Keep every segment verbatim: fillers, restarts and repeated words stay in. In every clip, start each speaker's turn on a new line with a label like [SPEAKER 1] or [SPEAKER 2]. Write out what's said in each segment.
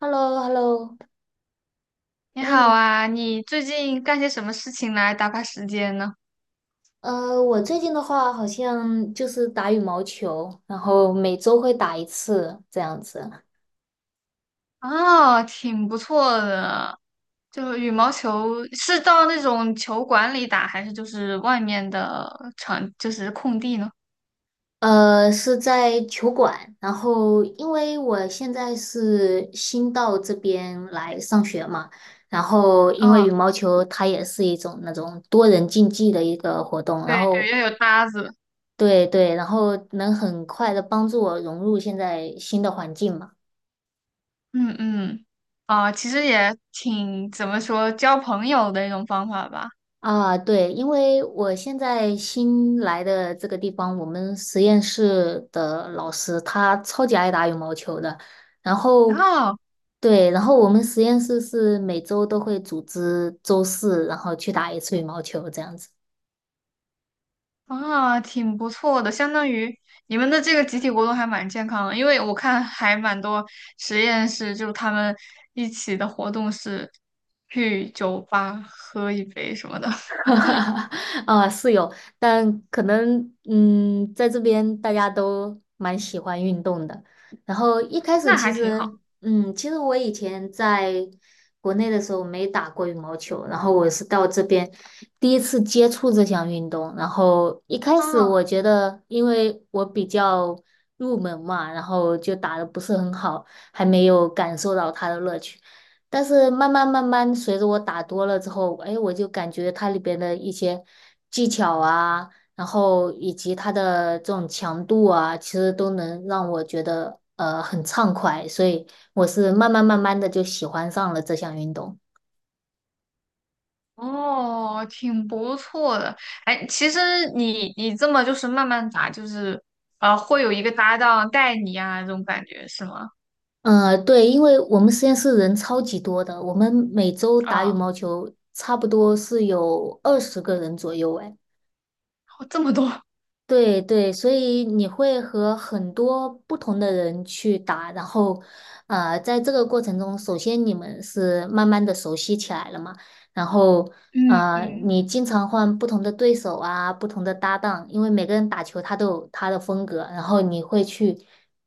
[SPEAKER 1] h e l l o h e l l o
[SPEAKER 2] 你
[SPEAKER 1] 哎，
[SPEAKER 2] 好
[SPEAKER 1] 你
[SPEAKER 2] 啊，你最近干些什么事情来打发时间呢？
[SPEAKER 1] 呃，我最近的话好像就是打羽毛球，然后每周会打一次这样子。
[SPEAKER 2] 哦，挺不错的，就是羽毛球是到那种球馆里打，还是就是外面的场，就是空地呢？
[SPEAKER 1] 呃，是在球馆，然后因为我现在是新到这边来上学嘛，然后因为
[SPEAKER 2] 哦，
[SPEAKER 1] 羽毛球它也是一种那种多人竞技的一个活动，然
[SPEAKER 2] 对
[SPEAKER 1] 后
[SPEAKER 2] 对，要有搭子。
[SPEAKER 1] 对对，然后能很快的帮助我融入现在新的环境嘛。
[SPEAKER 2] 嗯嗯，啊、其实也挺怎么说，交朋友的一种方法吧。
[SPEAKER 1] 啊，对，因为我现在新来的这个地方，我们实验室的老师他超级爱打羽毛球的，然后
[SPEAKER 2] 哦，
[SPEAKER 1] 对，然后我们实验室是每周都会组织周四，然后去打一次羽毛球这样子。
[SPEAKER 2] 啊，挺不错的，相当于你们的这个集体活动还蛮健康的，因为我看还蛮多实验室，就是他们一起的活动是去酒吧喝一杯什么的，
[SPEAKER 1] 啊，是有，但可能嗯，在这边大家都蛮喜欢运动的。然后一开始
[SPEAKER 2] 那
[SPEAKER 1] 其
[SPEAKER 2] 还挺好
[SPEAKER 1] 实嗯，其实我以前在国内的时候没打过羽毛球，然后我是到这边第一次接触这项运动。然后一开始我
[SPEAKER 2] 啊，
[SPEAKER 1] 觉得，因为我比较入门嘛，然后就打的不是很好，还没有感受到它的乐趣。但是慢慢慢慢，随着我打多了之后，哎，我就感觉它里边的一些技巧啊，然后以及它的这种强度啊，其实都能让我觉得呃很畅快，所以我是慢慢慢慢的就喜欢上了这项运动。
[SPEAKER 2] 哦，挺不错的。哎，其实你你这么就是慢慢打，就是呃，会有一个搭档带你啊，这种感觉是吗？
[SPEAKER 1] 嗯，对，因为我们实验室人超级多的，我们每周打羽
[SPEAKER 2] 啊，
[SPEAKER 1] 毛球差不多是有二十个人左右，哎。
[SPEAKER 2] 这么多，
[SPEAKER 1] 对对，所以你会和很多不同的人去打，然后，呃，在这个过程中，首先你们是慢慢的熟悉起来了嘛，然后，
[SPEAKER 2] 嗯
[SPEAKER 1] 呃，
[SPEAKER 2] 嗯
[SPEAKER 1] 你经常换不同的对手啊，不同的搭档，因为每个人打球他都有他的风格，然后你会去，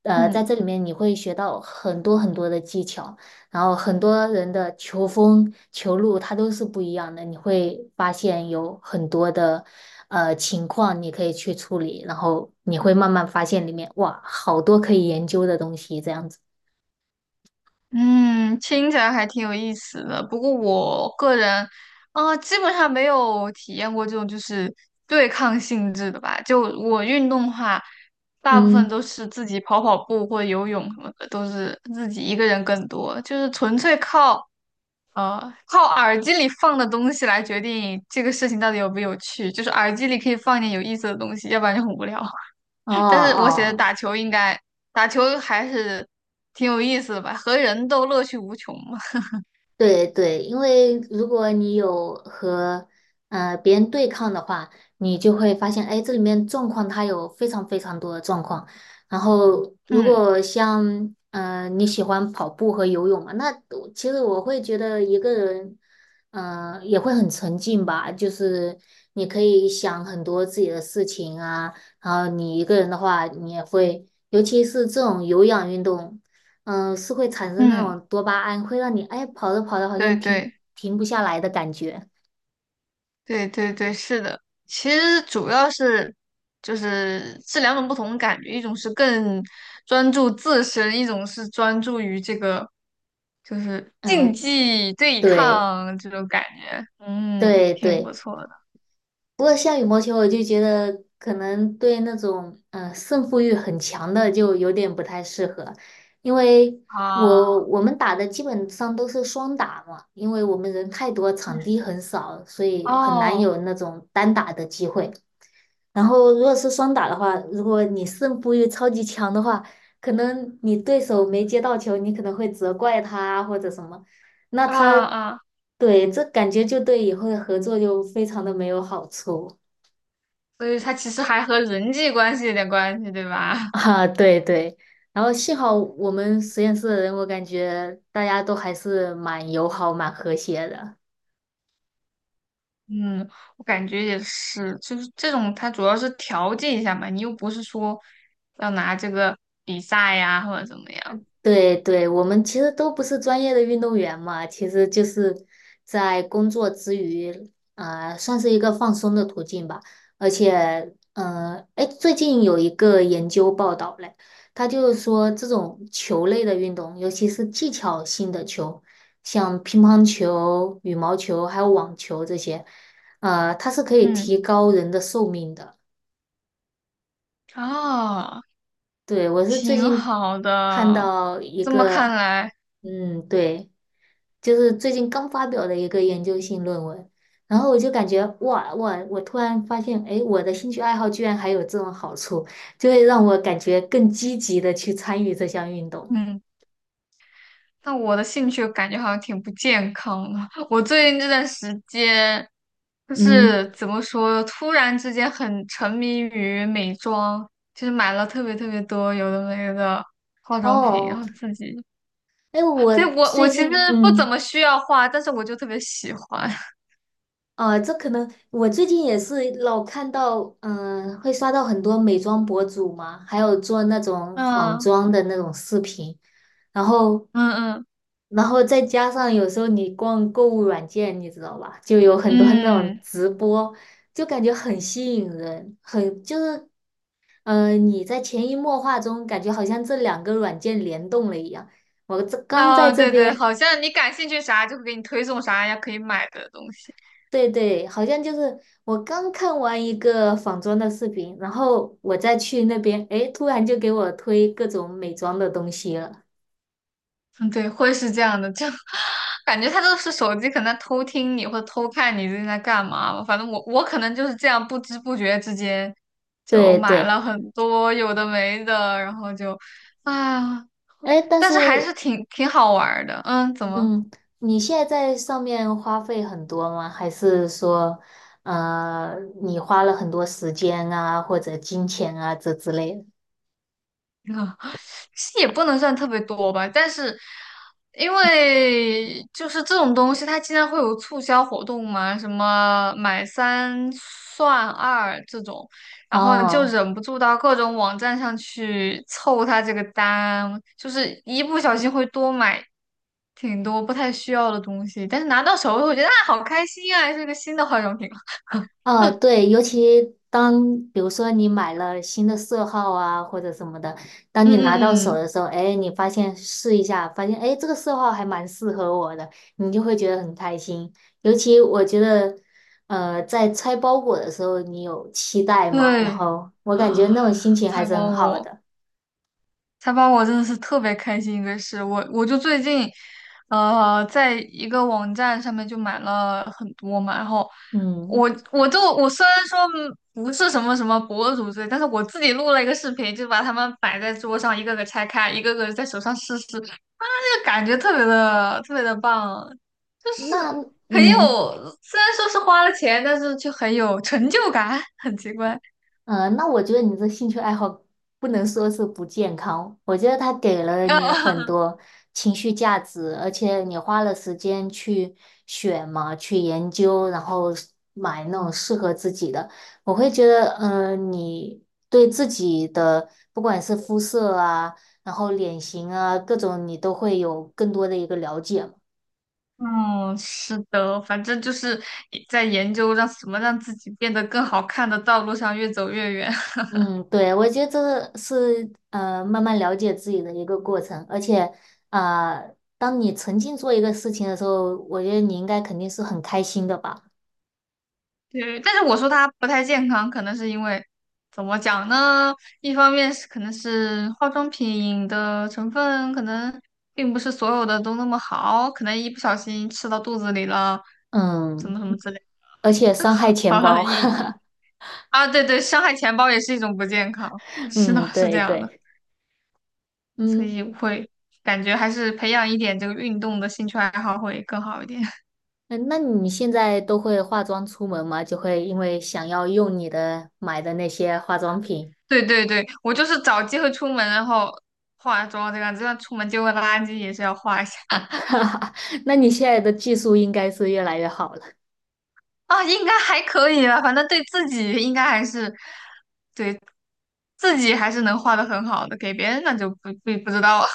[SPEAKER 1] 呃，在
[SPEAKER 2] 嗯。
[SPEAKER 1] 这里面你会学到很多很多的技巧。然后很多人的球风、球路它都是不一样的，你会发现有很多的呃情况你可以去处理，然后你会慢慢发现里面哇，好多可以研究的东西这样子。
[SPEAKER 2] 嗯，听起来还挺有意思的。不过我个人，啊，基本上没有体验过这种就是对抗性质的吧。就我运动的话，大部分
[SPEAKER 1] 嗯，
[SPEAKER 2] 都是自己跑跑步或者游泳什么的，都是自己一个人更多，就是纯粹靠呃靠耳机里放的东西来决定这个事情到底有没有趣。就是耳机里可以放一点有意思的东西，要不然就很无聊。
[SPEAKER 1] 哦
[SPEAKER 2] 但是我写的
[SPEAKER 1] 哦，
[SPEAKER 2] 打球应该打球还是挺有意思的吧，和人都乐趣无穷嘛。
[SPEAKER 1] 对对，因为如果你有和呃别人对抗的话，你就会发现，哎，这里面状况它有非常非常多的状况。然后，如
[SPEAKER 2] 嗯
[SPEAKER 1] 果像呃你喜欢跑步和游泳嘛，那我其实我会觉得一个人，嗯、也会很沉静吧。就是你可以想很多自己的事情啊，然后你一个人的话，你也会，尤其是这种有氧运动。嗯、是会产生那
[SPEAKER 2] 嗯，
[SPEAKER 1] 种多巴胺，会让你哎跑着跑着好
[SPEAKER 2] 对
[SPEAKER 1] 像停
[SPEAKER 2] 对
[SPEAKER 1] 停不下来的感觉。
[SPEAKER 2] 对对对，是的。其实主要是就是是两种不同的感觉，一种是更专注自身，一种是专注于这个就是竞
[SPEAKER 1] 嗯、
[SPEAKER 2] 技对
[SPEAKER 1] 对
[SPEAKER 2] 抗这种感觉。嗯，
[SPEAKER 1] 对
[SPEAKER 2] 挺不
[SPEAKER 1] 对。
[SPEAKER 2] 错的
[SPEAKER 1] 不过像羽毛球，我就觉得可能对那种嗯、呃胜负欲很强的就有点不太适合，因为我
[SPEAKER 2] 啊。
[SPEAKER 1] 我们打的基本上都是双打嘛，因为我们人太多，场
[SPEAKER 2] 嗯
[SPEAKER 1] 地很少，所以很难
[SPEAKER 2] 哦
[SPEAKER 1] 有那种单打的机会。然后如果是双打的话，如果你胜负欲超级强的话，可能你对手没接到球，你可能会责怪他啊或者什么，那
[SPEAKER 2] 啊
[SPEAKER 1] 他
[SPEAKER 2] 啊，
[SPEAKER 1] 对这感觉就对以后的合作就非常的没有好处。
[SPEAKER 2] 所以它其实还和人际关系有点关系，对吧？
[SPEAKER 1] 啊，对对。然后幸好我们实验室的人，我感觉大家都还是蛮友好、蛮和谐的。
[SPEAKER 2] 嗯，我感觉也是，就是这种，它主要是调剂一下嘛，你又不是说要拿这个比赛呀或者怎么样，
[SPEAKER 1] 对对，我们其实都不是专业的运动员嘛，其实就是在工作之余，啊、算是一个放松的途径吧。而且，嗯、哎，最近有一个研究报道嘞，他就是说这种球类的运动，尤其是技巧性的球，像乒乓球、羽毛球还有网球这些，呃，它是可以提
[SPEAKER 2] 嗯，
[SPEAKER 1] 高人的寿命的。
[SPEAKER 2] 哦，
[SPEAKER 1] 对，我是最
[SPEAKER 2] 挺
[SPEAKER 1] 近
[SPEAKER 2] 好
[SPEAKER 1] 看
[SPEAKER 2] 的。
[SPEAKER 1] 到一
[SPEAKER 2] 这么看
[SPEAKER 1] 个。
[SPEAKER 2] 来，
[SPEAKER 1] 嗯，对，就是最近刚发表的一个研究性论文，然后我就感觉哇哇，我突然发现，哎，我的兴趣爱好居然还有这种好处，就会让我感觉更积极的去参与这项运动。
[SPEAKER 2] 嗯，那我的兴趣感觉好像挺不健康的。我最近这段时间，就
[SPEAKER 1] 嗯，
[SPEAKER 2] 是怎么说，突然之间很沉迷于美妆，就是买了特别特别多有的没的化妆品，然
[SPEAKER 1] 哦，
[SPEAKER 2] 后自己
[SPEAKER 1] 哎，我
[SPEAKER 2] 对，我我
[SPEAKER 1] 最
[SPEAKER 2] 其实
[SPEAKER 1] 近
[SPEAKER 2] 不怎
[SPEAKER 1] 嗯。
[SPEAKER 2] 么需要画，但是我就特别喜欢。
[SPEAKER 1] 呃，这可能我最近也是老看到，嗯、会刷到很多美妆博主嘛，还有做那种仿
[SPEAKER 2] 嗯
[SPEAKER 1] 妆的那种视频，然后，
[SPEAKER 2] 嗯嗯
[SPEAKER 1] 然后再加上有时候你逛购物软件，你知道吧，就有很多 那种
[SPEAKER 2] 嗯
[SPEAKER 1] 直播，就感觉很吸引人，很就是，嗯，你在潜移默化中感觉好像这两个软件联动了一样。我这刚在
[SPEAKER 2] 啊，
[SPEAKER 1] 这
[SPEAKER 2] 对对，
[SPEAKER 1] 边
[SPEAKER 2] 好像你感兴趣啥就会给你推送啥呀可以买的东西。
[SPEAKER 1] 对对，好像就是我刚看完一个仿妆的视频，然后我再去那边，诶，突然就给我推各种美妆的东西了。
[SPEAKER 2] 嗯，对，会是这样的，就 感觉他都是手机可能偷听你或者偷看你最近在干嘛吧。反正我我可能就是这样不知不觉之间就
[SPEAKER 1] 对
[SPEAKER 2] 买
[SPEAKER 1] 对，
[SPEAKER 2] 了很多有的没的，然后就啊，
[SPEAKER 1] 诶，但
[SPEAKER 2] 但是还
[SPEAKER 1] 是，
[SPEAKER 2] 是挺挺好玩儿的。嗯，怎么？
[SPEAKER 1] 嗯，你现在在上面花费很多吗？还是说，呃，你花了很多时间啊，或者金钱啊，这之类的？
[SPEAKER 2] 啊，其实也不能算特别多吧，但是因为就是这种东西，它经常会有促销活动嘛，什么买三算二这种，然后你就
[SPEAKER 1] 哦。
[SPEAKER 2] 忍不住到各种网站上去凑它这个单，就是一不小心会多买挺多不太需要的东西，但是拿到手我觉得啊好开心啊，是个新的化妆品啊
[SPEAKER 1] 呃，对，尤其当比如说你买了新的色号啊，或者什么的，当
[SPEAKER 2] 嗯
[SPEAKER 1] 你拿到
[SPEAKER 2] 嗯
[SPEAKER 1] 手
[SPEAKER 2] 嗯，
[SPEAKER 1] 的时候，哎，你发现试一下，发现哎这个色号还蛮适合我的，你就会觉得很开心。尤其我觉得，呃，在拆包裹的时候，你有期待嘛，然
[SPEAKER 2] 对
[SPEAKER 1] 后我感觉那
[SPEAKER 2] 啊，
[SPEAKER 1] 种心 情还
[SPEAKER 2] 财
[SPEAKER 1] 是很
[SPEAKER 2] 宝
[SPEAKER 1] 好
[SPEAKER 2] 我。
[SPEAKER 1] 的。
[SPEAKER 2] 采访我真的是特别开心一个事，我我就最近，呃，在一个网站上面就买了很多嘛，然后
[SPEAKER 1] 嗯，
[SPEAKER 2] 我我就我虽然说嗯不是什么什么博主之类，但是我自己录了一个视频，就把它们摆在桌上，一个个拆开，一个个在手上试试，那个感觉特别的特别的棒，就是
[SPEAKER 1] 那
[SPEAKER 2] 很有，
[SPEAKER 1] 嗯，
[SPEAKER 2] 虽然说是花了钱，但是却很有成就感，很奇怪，
[SPEAKER 1] 嗯，那我觉得你这兴趣爱好不能说是不健康，我觉得它给了你很 多情绪价值，而且你花了时间去选嘛，去研究，然后是买那种适合自己的。我会觉得，嗯，你对自己的不管是肤色啊，然后脸型啊，各种你都会有更多的一个了解嘛。
[SPEAKER 2] 嗯，是的，反正就是在研究让什么让自己变得更好看的道路上越走越远。
[SPEAKER 1] 嗯，对，我觉得这是呃慢慢了解自己的一个过程，而且呃，当你沉浸做一个事情的时候，我觉得你应该肯定是很开心的吧？
[SPEAKER 2] 对，但是我说它不太健康，可能是因为怎么讲呢？一方面是可能是化妆品的成分可能并不是所有的都那么好，可能一不小心吃到肚子里了，怎
[SPEAKER 1] 嗯，
[SPEAKER 2] 么什么之类，
[SPEAKER 1] 而且
[SPEAKER 2] 这个
[SPEAKER 1] 伤害 钱
[SPEAKER 2] 好
[SPEAKER 1] 包，
[SPEAKER 2] 像也啊，对对，伤害钱包也是一种不健康。是的，
[SPEAKER 1] 嗯，
[SPEAKER 2] 是这
[SPEAKER 1] 对
[SPEAKER 2] 样的。
[SPEAKER 1] 对，
[SPEAKER 2] 所
[SPEAKER 1] 嗯，
[SPEAKER 2] 以我会感觉还是培养一点这个运动的兴趣爱好会更好一点。
[SPEAKER 1] 呃那你现在都会化妆出门吗？就会因为想要用你的买的那些化妆品，
[SPEAKER 2] 对对对，我就是找机会出门，然后化妆这个样子，就算出门丢个垃圾也是要化一下
[SPEAKER 1] 哈哈，那你现在的技术应该是越来越好了。
[SPEAKER 2] 啊，应该还可以吧，反正对自己应该还是对自己还是能画的很好的，给别人那就不不不知道了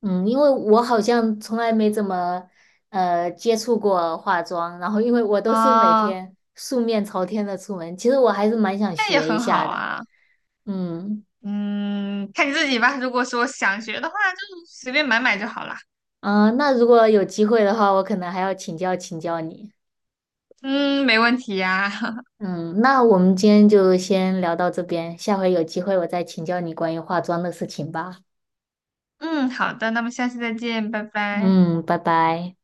[SPEAKER 1] 嗯，因为我好像从来没怎么呃接触过化妆，然后因为我 都是每
[SPEAKER 2] 啊，
[SPEAKER 1] 天素面朝天的出门，其实我还是蛮想
[SPEAKER 2] 那也
[SPEAKER 1] 学一
[SPEAKER 2] 很好
[SPEAKER 1] 下的。
[SPEAKER 2] 啊，
[SPEAKER 1] 嗯，
[SPEAKER 2] 嗯，看你自己吧。如果说想学的话，就随便买买就好啦。
[SPEAKER 1] 啊、那如果有机会的话，我可能还要请教请教你。
[SPEAKER 2] 嗯，没问题呀、
[SPEAKER 1] 嗯，那我们今天就先聊到这边，下回有机会我再请教你关于化妆的事情吧。
[SPEAKER 2] 嗯，好的，那么下次再见，拜拜。
[SPEAKER 1] 嗯，拜拜。